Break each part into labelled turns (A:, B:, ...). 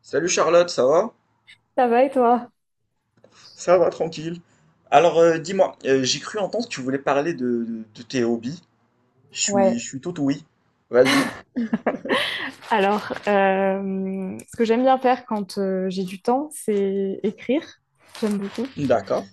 A: Salut Charlotte, ça va?
B: Ça va et toi?
A: Ça va, tranquille. Alors dis-moi, j'ai cru entendre que tu voulais parler de tes hobbies. Je suis,
B: Ouais,
A: je suis tout oui. Vas-y.
B: Alors, ce que j'aime bien faire quand j'ai du temps, c'est écrire. J'aime beaucoup.
A: D'accord.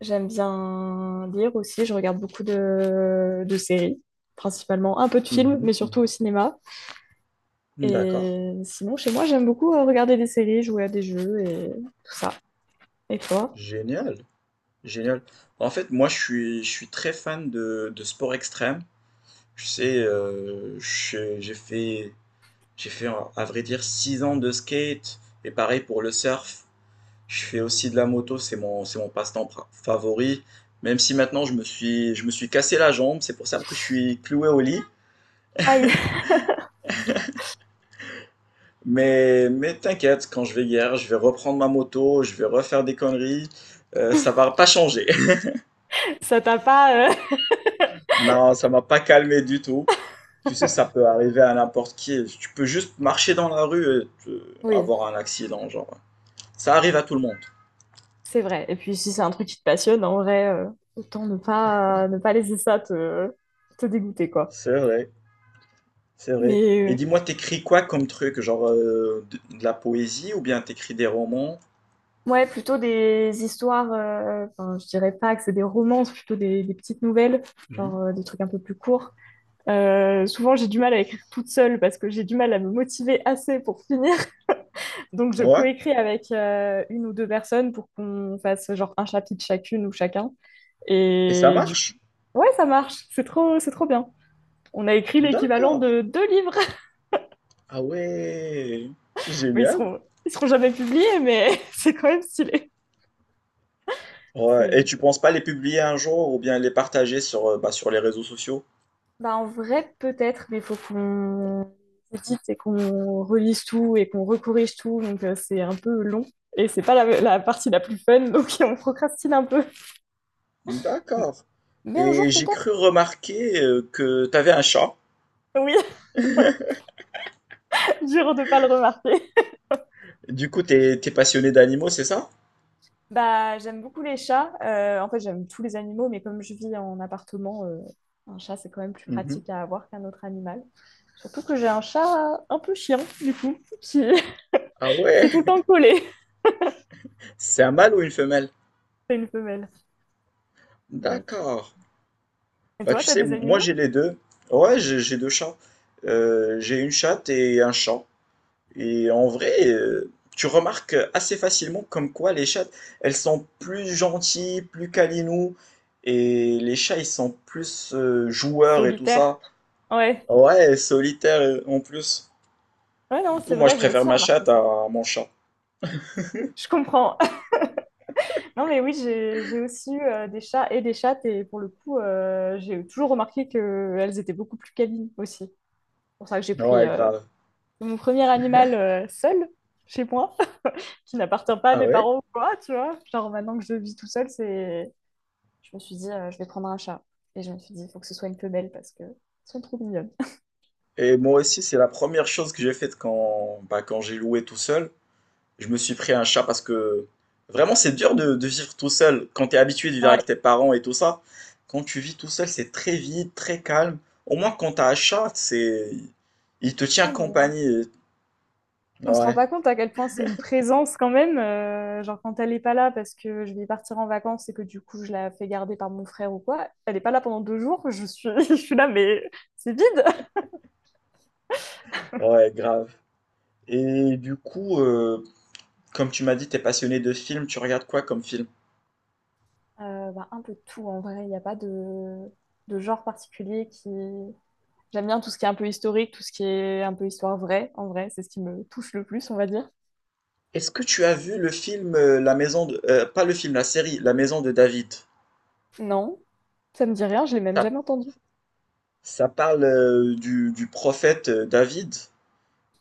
B: J'aime bien lire aussi. Je regarde beaucoup de séries, principalement un peu de films, mais
A: Mhm,
B: surtout au
A: mhm.
B: cinéma.
A: D'accord.
B: Et sinon, chez moi, j'aime beaucoup regarder des séries, jouer à des jeux et tout ça. Et toi?
A: Génial. Génial. En fait, moi, je suis très fan de sport extrême. Je sais, j'ai fait, à vrai dire, 6 ans de skate. Et pareil pour le surf. Je fais aussi de la moto, c'est mon favori. Même si maintenant je me suis cassé la jambe, c'est pour ça que je suis cloué au lit.
B: Aïe.
A: Mais t'inquiète, quand je vais hier, je vais reprendre ma moto, je vais refaire des conneries. Ça va pas changer.
B: Ça t'a pas.
A: Non, ça m'a pas calmé du tout. Tu sais, ça peut arriver à n'importe qui. Tu peux juste marcher dans la rue et
B: Oui,
A: avoir un accident, genre. Ça arrive à tout le monde.
B: c'est vrai. Et puis, si c'est un truc qui te passionne, en vrai, autant ne pas laisser ça te dégoûter, quoi.
A: C'est vrai. C'est vrai.
B: Mais
A: Et dis-moi, t'écris quoi comme truc? Genre de la poésie ou bien t'écris des romans?
B: ouais, plutôt des histoires, enfin, je dirais pas que c'est des romances, plutôt des petites nouvelles,
A: Mhm.
B: genre des trucs un peu plus courts. Souvent, j'ai du mal à écrire toute seule parce que j'ai du mal à me motiver assez pour finir. Donc, je
A: Ouais.
B: coécris avec une ou deux personnes pour qu'on fasse genre un chapitre chacune ou chacun.
A: Et ça
B: Et du coup,
A: marche?
B: ouais, ça marche. C'est trop bien. On a écrit l'équivalent
A: D'accord.
B: de deux livres,
A: Ah ouais.
B: mais
A: Génial.
B: ils seront jamais publiés, mais c'est quand même stylé.
A: Ouais. Et
B: C'est
A: tu penses pas les publier un jour ou bien les partager sur, sur les réseaux sociaux?
B: Bah, en vrai, peut-être, mais il faut qu'on édite et qu'on relise tout et qu'on recorrige tout. Donc, c'est un peu long. Et c'est pas la partie la plus fun, donc on procrastine un peu.
A: D'accord.
B: Mais un
A: Et
B: jour,
A: j'ai
B: peut-être.
A: cru remarquer que t'avais un chat.
B: Oui, dur de pas le remarquer.
A: Du coup, t'es passionné d'animaux, c'est ça?
B: Bah, j'aime beaucoup les chats. En fait, j'aime tous les animaux, mais comme je vis en appartement, un chat, c'est quand même plus
A: Mhm.
B: pratique à avoir qu'un autre animal. Surtout que j'ai un chat un peu chiant, du coup, qui,
A: Ah
B: qui
A: ouais.
B: est tout le temps collé.
A: C'est un mâle ou une femelle?
B: C'est une femelle. Mais elle est trop-
A: D'accord.
B: Et
A: Bah,
B: toi,
A: tu
B: t'as
A: sais,
B: des
A: moi
B: animaux?
A: j'ai les deux. Ouais, j'ai 2 chats. J'ai une chatte et un chat. Et en vrai, tu remarques assez facilement comme quoi les chattes, elles sont plus gentilles, plus câlinous. Et les chats, ils sont plus joueurs et tout
B: Solitaire.
A: ça.
B: Ouais.
A: Ouais, solitaires en plus.
B: Ouais,
A: Du
B: non,
A: coup,
B: c'est
A: moi je
B: vrai, j'ai
A: préfère
B: aussi
A: ma
B: remarqué
A: chatte
B: ça.
A: à mon chat.
B: Je comprends. Non, mais oui, j'ai aussi eu des chats et des chattes, et pour le coup, j'ai toujours remarqué qu'elles étaient beaucoup plus câlines aussi. C'est pour ça que j'ai pris
A: Ouais, grave.
B: mon premier animal seul chez moi, qui n'appartient pas à
A: Ah
B: mes
A: ouais?
B: parents ou quoi, tu vois. Genre, maintenant que je vis tout seul, c'est. Je me suis dit, je vais prendre un chat. Et je me suis dit, il faut que ce soit une femelle parce que elles sont trop mignonnes.
A: Et moi aussi, c'est la première chose que j'ai faite quand, bah, quand j'ai loué tout seul. Je me suis pris un chat parce que vraiment, c'est dur de vivre tout seul. Quand tu es habitué de vivre
B: Ouais.
A: avec tes parents et tout ça, quand tu vis tout seul, c'est très vide, très calme. Au moins, quand tu as un chat, c'est... il te tient
B: Ah, mais
A: compagnie.
B: on se rend
A: Ouais,
B: pas compte à quel point c'est une présence quand même, genre quand elle n'est pas là parce que je vais partir en vacances et que du coup je la fais garder par mon frère ou quoi, elle n'est pas là pendant 2 jours, je suis, je suis là mais c'est vide.
A: ouais, grave. Et du coup, comme tu m'as dit, tu es passionné de films, tu regardes quoi comme film?
B: Bah, un peu de tout en vrai, il n'y a pas de genre particulier qui. J'aime bien tout ce qui est un peu historique, tout ce qui est un peu histoire vraie, en vrai, c'est ce qui me touche le plus, on va dire.
A: Est-ce que tu as vu le film La Maison de... pas le film, la série La Maison de David?
B: Non, ça me dit rien, je l'ai même
A: Ça,
B: jamais entendu.
A: ça parle du prophète David.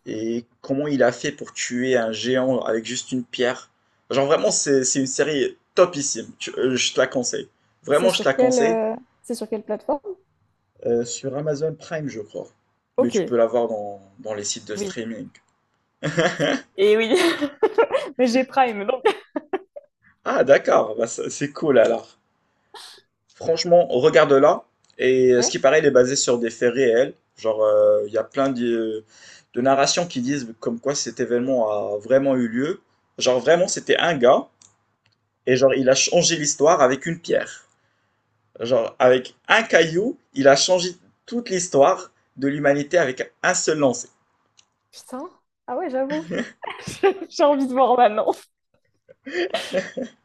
A: Et comment il a fait pour tuer un géant avec juste une pierre? Genre vraiment, c'est une série topissime. Je te la conseille.
B: C'est
A: Vraiment, je te
B: sur
A: la
B: quelle,
A: conseille.
B: euh, c'est sur quelle plateforme?
A: Sur Amazon Prime, je crois. Mais
B: Ok,
A: tu peux la voir dans les sites de
B: oui.
A: streaming.
B: Et oui, mais j'ai Prime, donc.
A: Ah, d'accord. C'est cool alors. Franchement, regarde-la. Et ce
B: Ok.
A: qui paraît, elle est basée sur des faits réels. Genre, il y a plein de narrations qui disent comme quoi cet événement a vraiment eu lieu. Genre, vraiment, c'était un gars. Et genre, il a changé l'histoire avec une pierre. Genre, avec un caillou, il a changé toute l'histoire de l'humanité avec un seul lancer.
B: Putain. Ah ouais, j'avoue. J'ai envie de voir maintenant.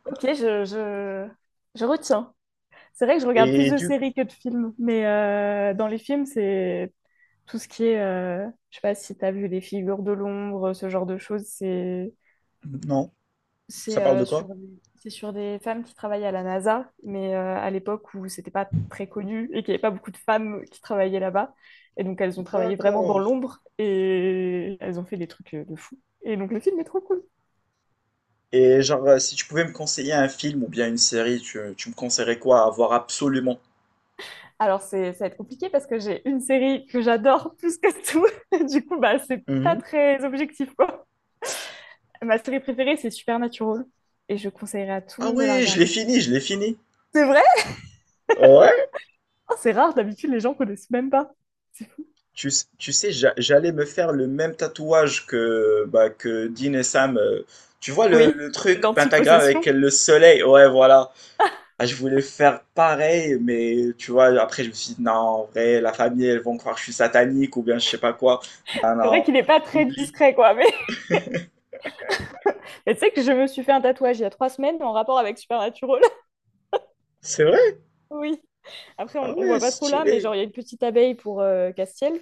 B: Ok, je retiens. C'est vrai que je regarde plus
A: Et
B: de
A: du...
B: séries que de films, mais dans les films, c'est tout ce qui est, je sais pas si t'as vu Les Figures de l'ombre, ce genre de choses, c'est
A: Non, ça
B: c'est
A: parle de
B: euh,
A: quoi?
B: sur des- c'est sur des femmes qui travaillent à la NASA, mais à l'époque où c'était pas très connu et qu'il n'y avait pas beaucoup de femmes qui travaillaient là-bas, et donc elles ont travaillé vraiment dans
A: D'accord.
B: l'ombre et elles ont fait des trucs de fou. Et donc le film est trop cool.
A: Et genre, si tu pouvais me conseiller un film ou bien une série, tu me conseillerais quoi à voir absolument?
B: Alors, ça va être compliqué parce que j'ai une série que j'adore plus que tout. Du coup, bah, c'est pas
A: Mhm.
B: très objectif, quoi. Ma série préférée, c'est Supernatural. Et je conseillerais à tout le
A: Ah
B: monde de la
A: ouais, je l'ai
B: regarder.
A: fini, je l'ai fini.
B: C'est vrai?
A: Ouais.
B: Oh, c'est rare, d'habitude, les gens connaissent même pas. C'est fou.
A: Tu sais, j'allais me faire le même tatouage que, bah, que Dean et Sam. Tu vois
B: Oui,
A: le truc pentagramme avec
B: l'antipossession.
A: le soleil? Ouais, voilà. Ah, je voulais faire pareil, mais tu vois, après, je me suis dit, non, en vrai, la famille, elles vont croire que je suis satanique ou bien je sais pas quoi. Non,
B: C'est vrai
A: non,
B: qu'il est pas très
A: Oublie.
B: discret, quoi. Mais, mais tu sais que je me suis fait un tatouage il y a 3 semaines en rapport avec Supernatural.
A: C'est vrai?
B: Oui. Après,
A: Ah
B: on
A: ouais,
B: voit pas trop là, mais
A: stylé.
B: genre, il y a une petite abeille pour Castiel.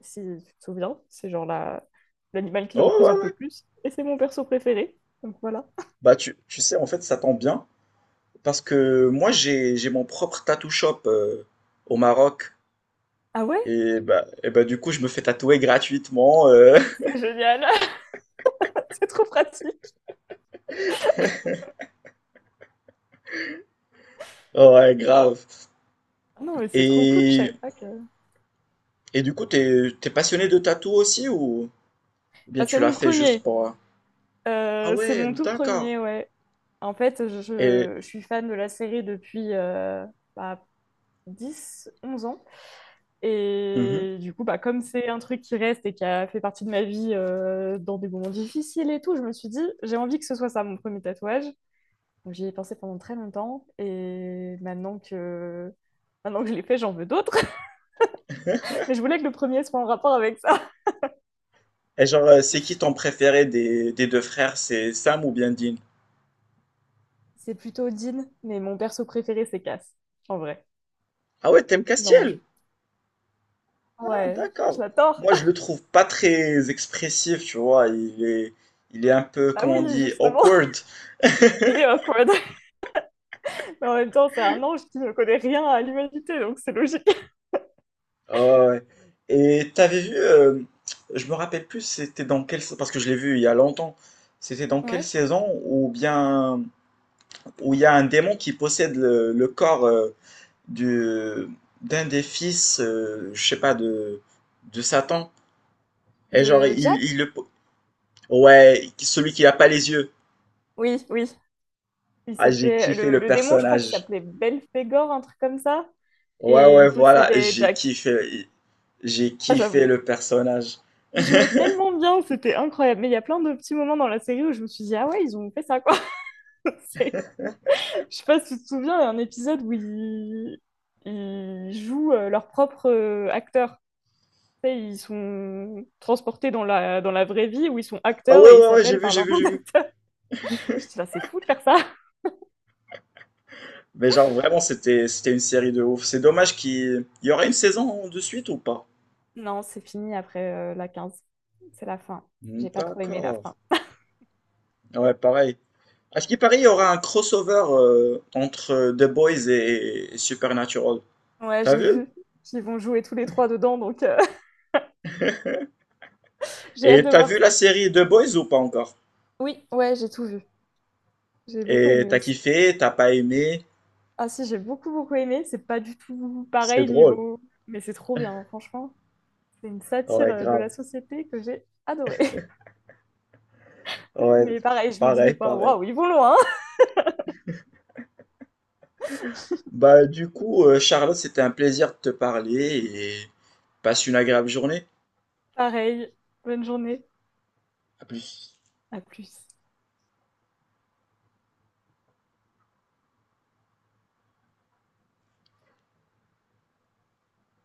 B: Si tu te souviens. C'est genre l'animal qui
A: Ouais,
B: le
A: ouais,
B: représente le
A: ouais.
B: plus. Et c'est mon perso préféré. Donc voilà.
A: Bah, tu sais, en fait, ça tombe bien parce que moi, j'ai mon propre tattoo shop au Maroc.
B: Ah ouais?
A: Et bah, du coup, je me fais tatouer gratuitement.
B: C'est génial. C'est trop pratique.
A: Ouais, grave.
B: Ah non, mais c'est trop cool. Je
A: Et,
B: savais pas que.
A: et du coup, t'es passionné de tatou aussi ou bien
B: Bah,
A: tu
B: c'est
A: l'as
B: mon
A: fait juste
B: premier.
A: pour. Ah
B: C'est
A: ouais,
B: mon tout premier,
A: d'accord.
B: ouais. En fait, je,
A: Et,
B: je suis fan de la série depuis bah, 10, 11 ans.
A: Mhm.
B: Et du coup, bah, comme c'est un truc qui reste et qui a fait partie de ma vie dans des moments difficiles et tout, je me suis dit, j'ai envie que ce soit ça mon premier tatouage. J'y ai pensé pendant très longtemps et maintenant que je l'ai fait, j'en veux d'autres. Mais je voulais que le premier soit en rapport avec ça.
A: Et genre, c'est qui ton préféré des deux frères? C'est Sam ou bien Dean?
B: C'est plutôt Dean, mais mon perso préféré, c'est Cass, en vrai,
A: Ah ouais, t'aimes
B: l'ange.
A: Castiel? Ah
B: Ouais, je
A: d'accord.
B: l'adore.
A: Moi, je le trouve pas très expressif, tu vois. Il est un peu,
B: Ah
A: comment
B: oui,
A: on dit,
B: justement,
A: awkward.
B: il est awkward. Mais en même temps, c'est un ange qui ne connaît rien à l'humanité, donc c'est logique.
A: Ah ouais. Et t'avais vu, je me rappelle plus, c'était dans quelle, parce que je l'ai vu il y a longtemps. C'était dans quelle
B: Ouais.
A: saison ou bien où il y a un démon qui possède le corps du d'un des fils, je sais pas de Satan. Et genre,
B: De
A: il
B: Jack?
A: le. Ouais, celui qui a pas les yeux.
B: Oui, oui. Il
A: Ah, j'ai
B: s'appelait,
A: kiffé
B: le,
A: le
B: le démon, je crois qu'il
A: personnage.
B: s'appelait Belphégor, un truc comme ça.
A: Ouais,
B: Et
A: ouais,
B: il
A: voilà,
B: possédait
A: j'ai
B: Jack.
A: kiffé. J'ai
B: Ah,
A: kiffé
B: j'avoue.
A: le personnage.
B: Ils jouaient tellement bien, c'était incroyable. Mais il y a plein de petits moments dans la série où je me suis dit, ah ouais, ils ont fait ça, quoi. C'est- Je sais pas si tu te souviens, il y a un épisode où ils jouent leur propre acteur. Tu sais, ils sont transportés dans la vraie vie où ils sont
A: Ah,
B: acteurs
A: ouais,
B: et ils
A: ouais, ouais,
B: s'appellent par leur nom
A: j'ai vu.
B: d'acteur. Je dis, ah, c'est fou de faire ça.
A: Mais genre, vraiment, c'était une série de ouf. C'est dommage qu'il y aurait une saison de suite ou pas?
B: Non, c'est fini après la 15. C'est la fin.
A: Hmm,
B: J'ai pas trop aimé la
A: d'accord.
B: fin.
A: Ouais, pareil. À ce qui paraît, il y aura un crossover entre The Boys et Supernatural.
B: Ouais,
A: T'as
B: j'ai
A: vu?
B: vu qu'ils vont jouer tous les trois dedans, donc j'ai hâte
A: Et
B: de
A: t'as
B: voir
A: vu la
B: ça.
A: série The Boys ou pas encore?
B: Oui, ouais, j'ai tout vu. J'ai beaucoup
A: Et
B: aimé
A: t'as
B: aussi.
A: kiffé, t'as pas aimé?
B: Ah si, j'ai beaucoup beaucoup aimé. C'est pas du tout
A: C'est
B: pareil
A: drôle.
B: niveau, mais c'est trop bien, franchement. C'est une satire
A: Ouais,
B: de
A: grave.
B: la société que j'ai adorée.
A: Ouais,
B: Mais pareil, je me dis des
A: pareil,
B: fois,
A: pareil.
B: waouh, ils vont loin.
A: Bah, du coup, Charlotte, c'était un plaisir de te parler et passe une agréable journée.
B: Pareil, bonne journée,
A: À plus.
B: à plus.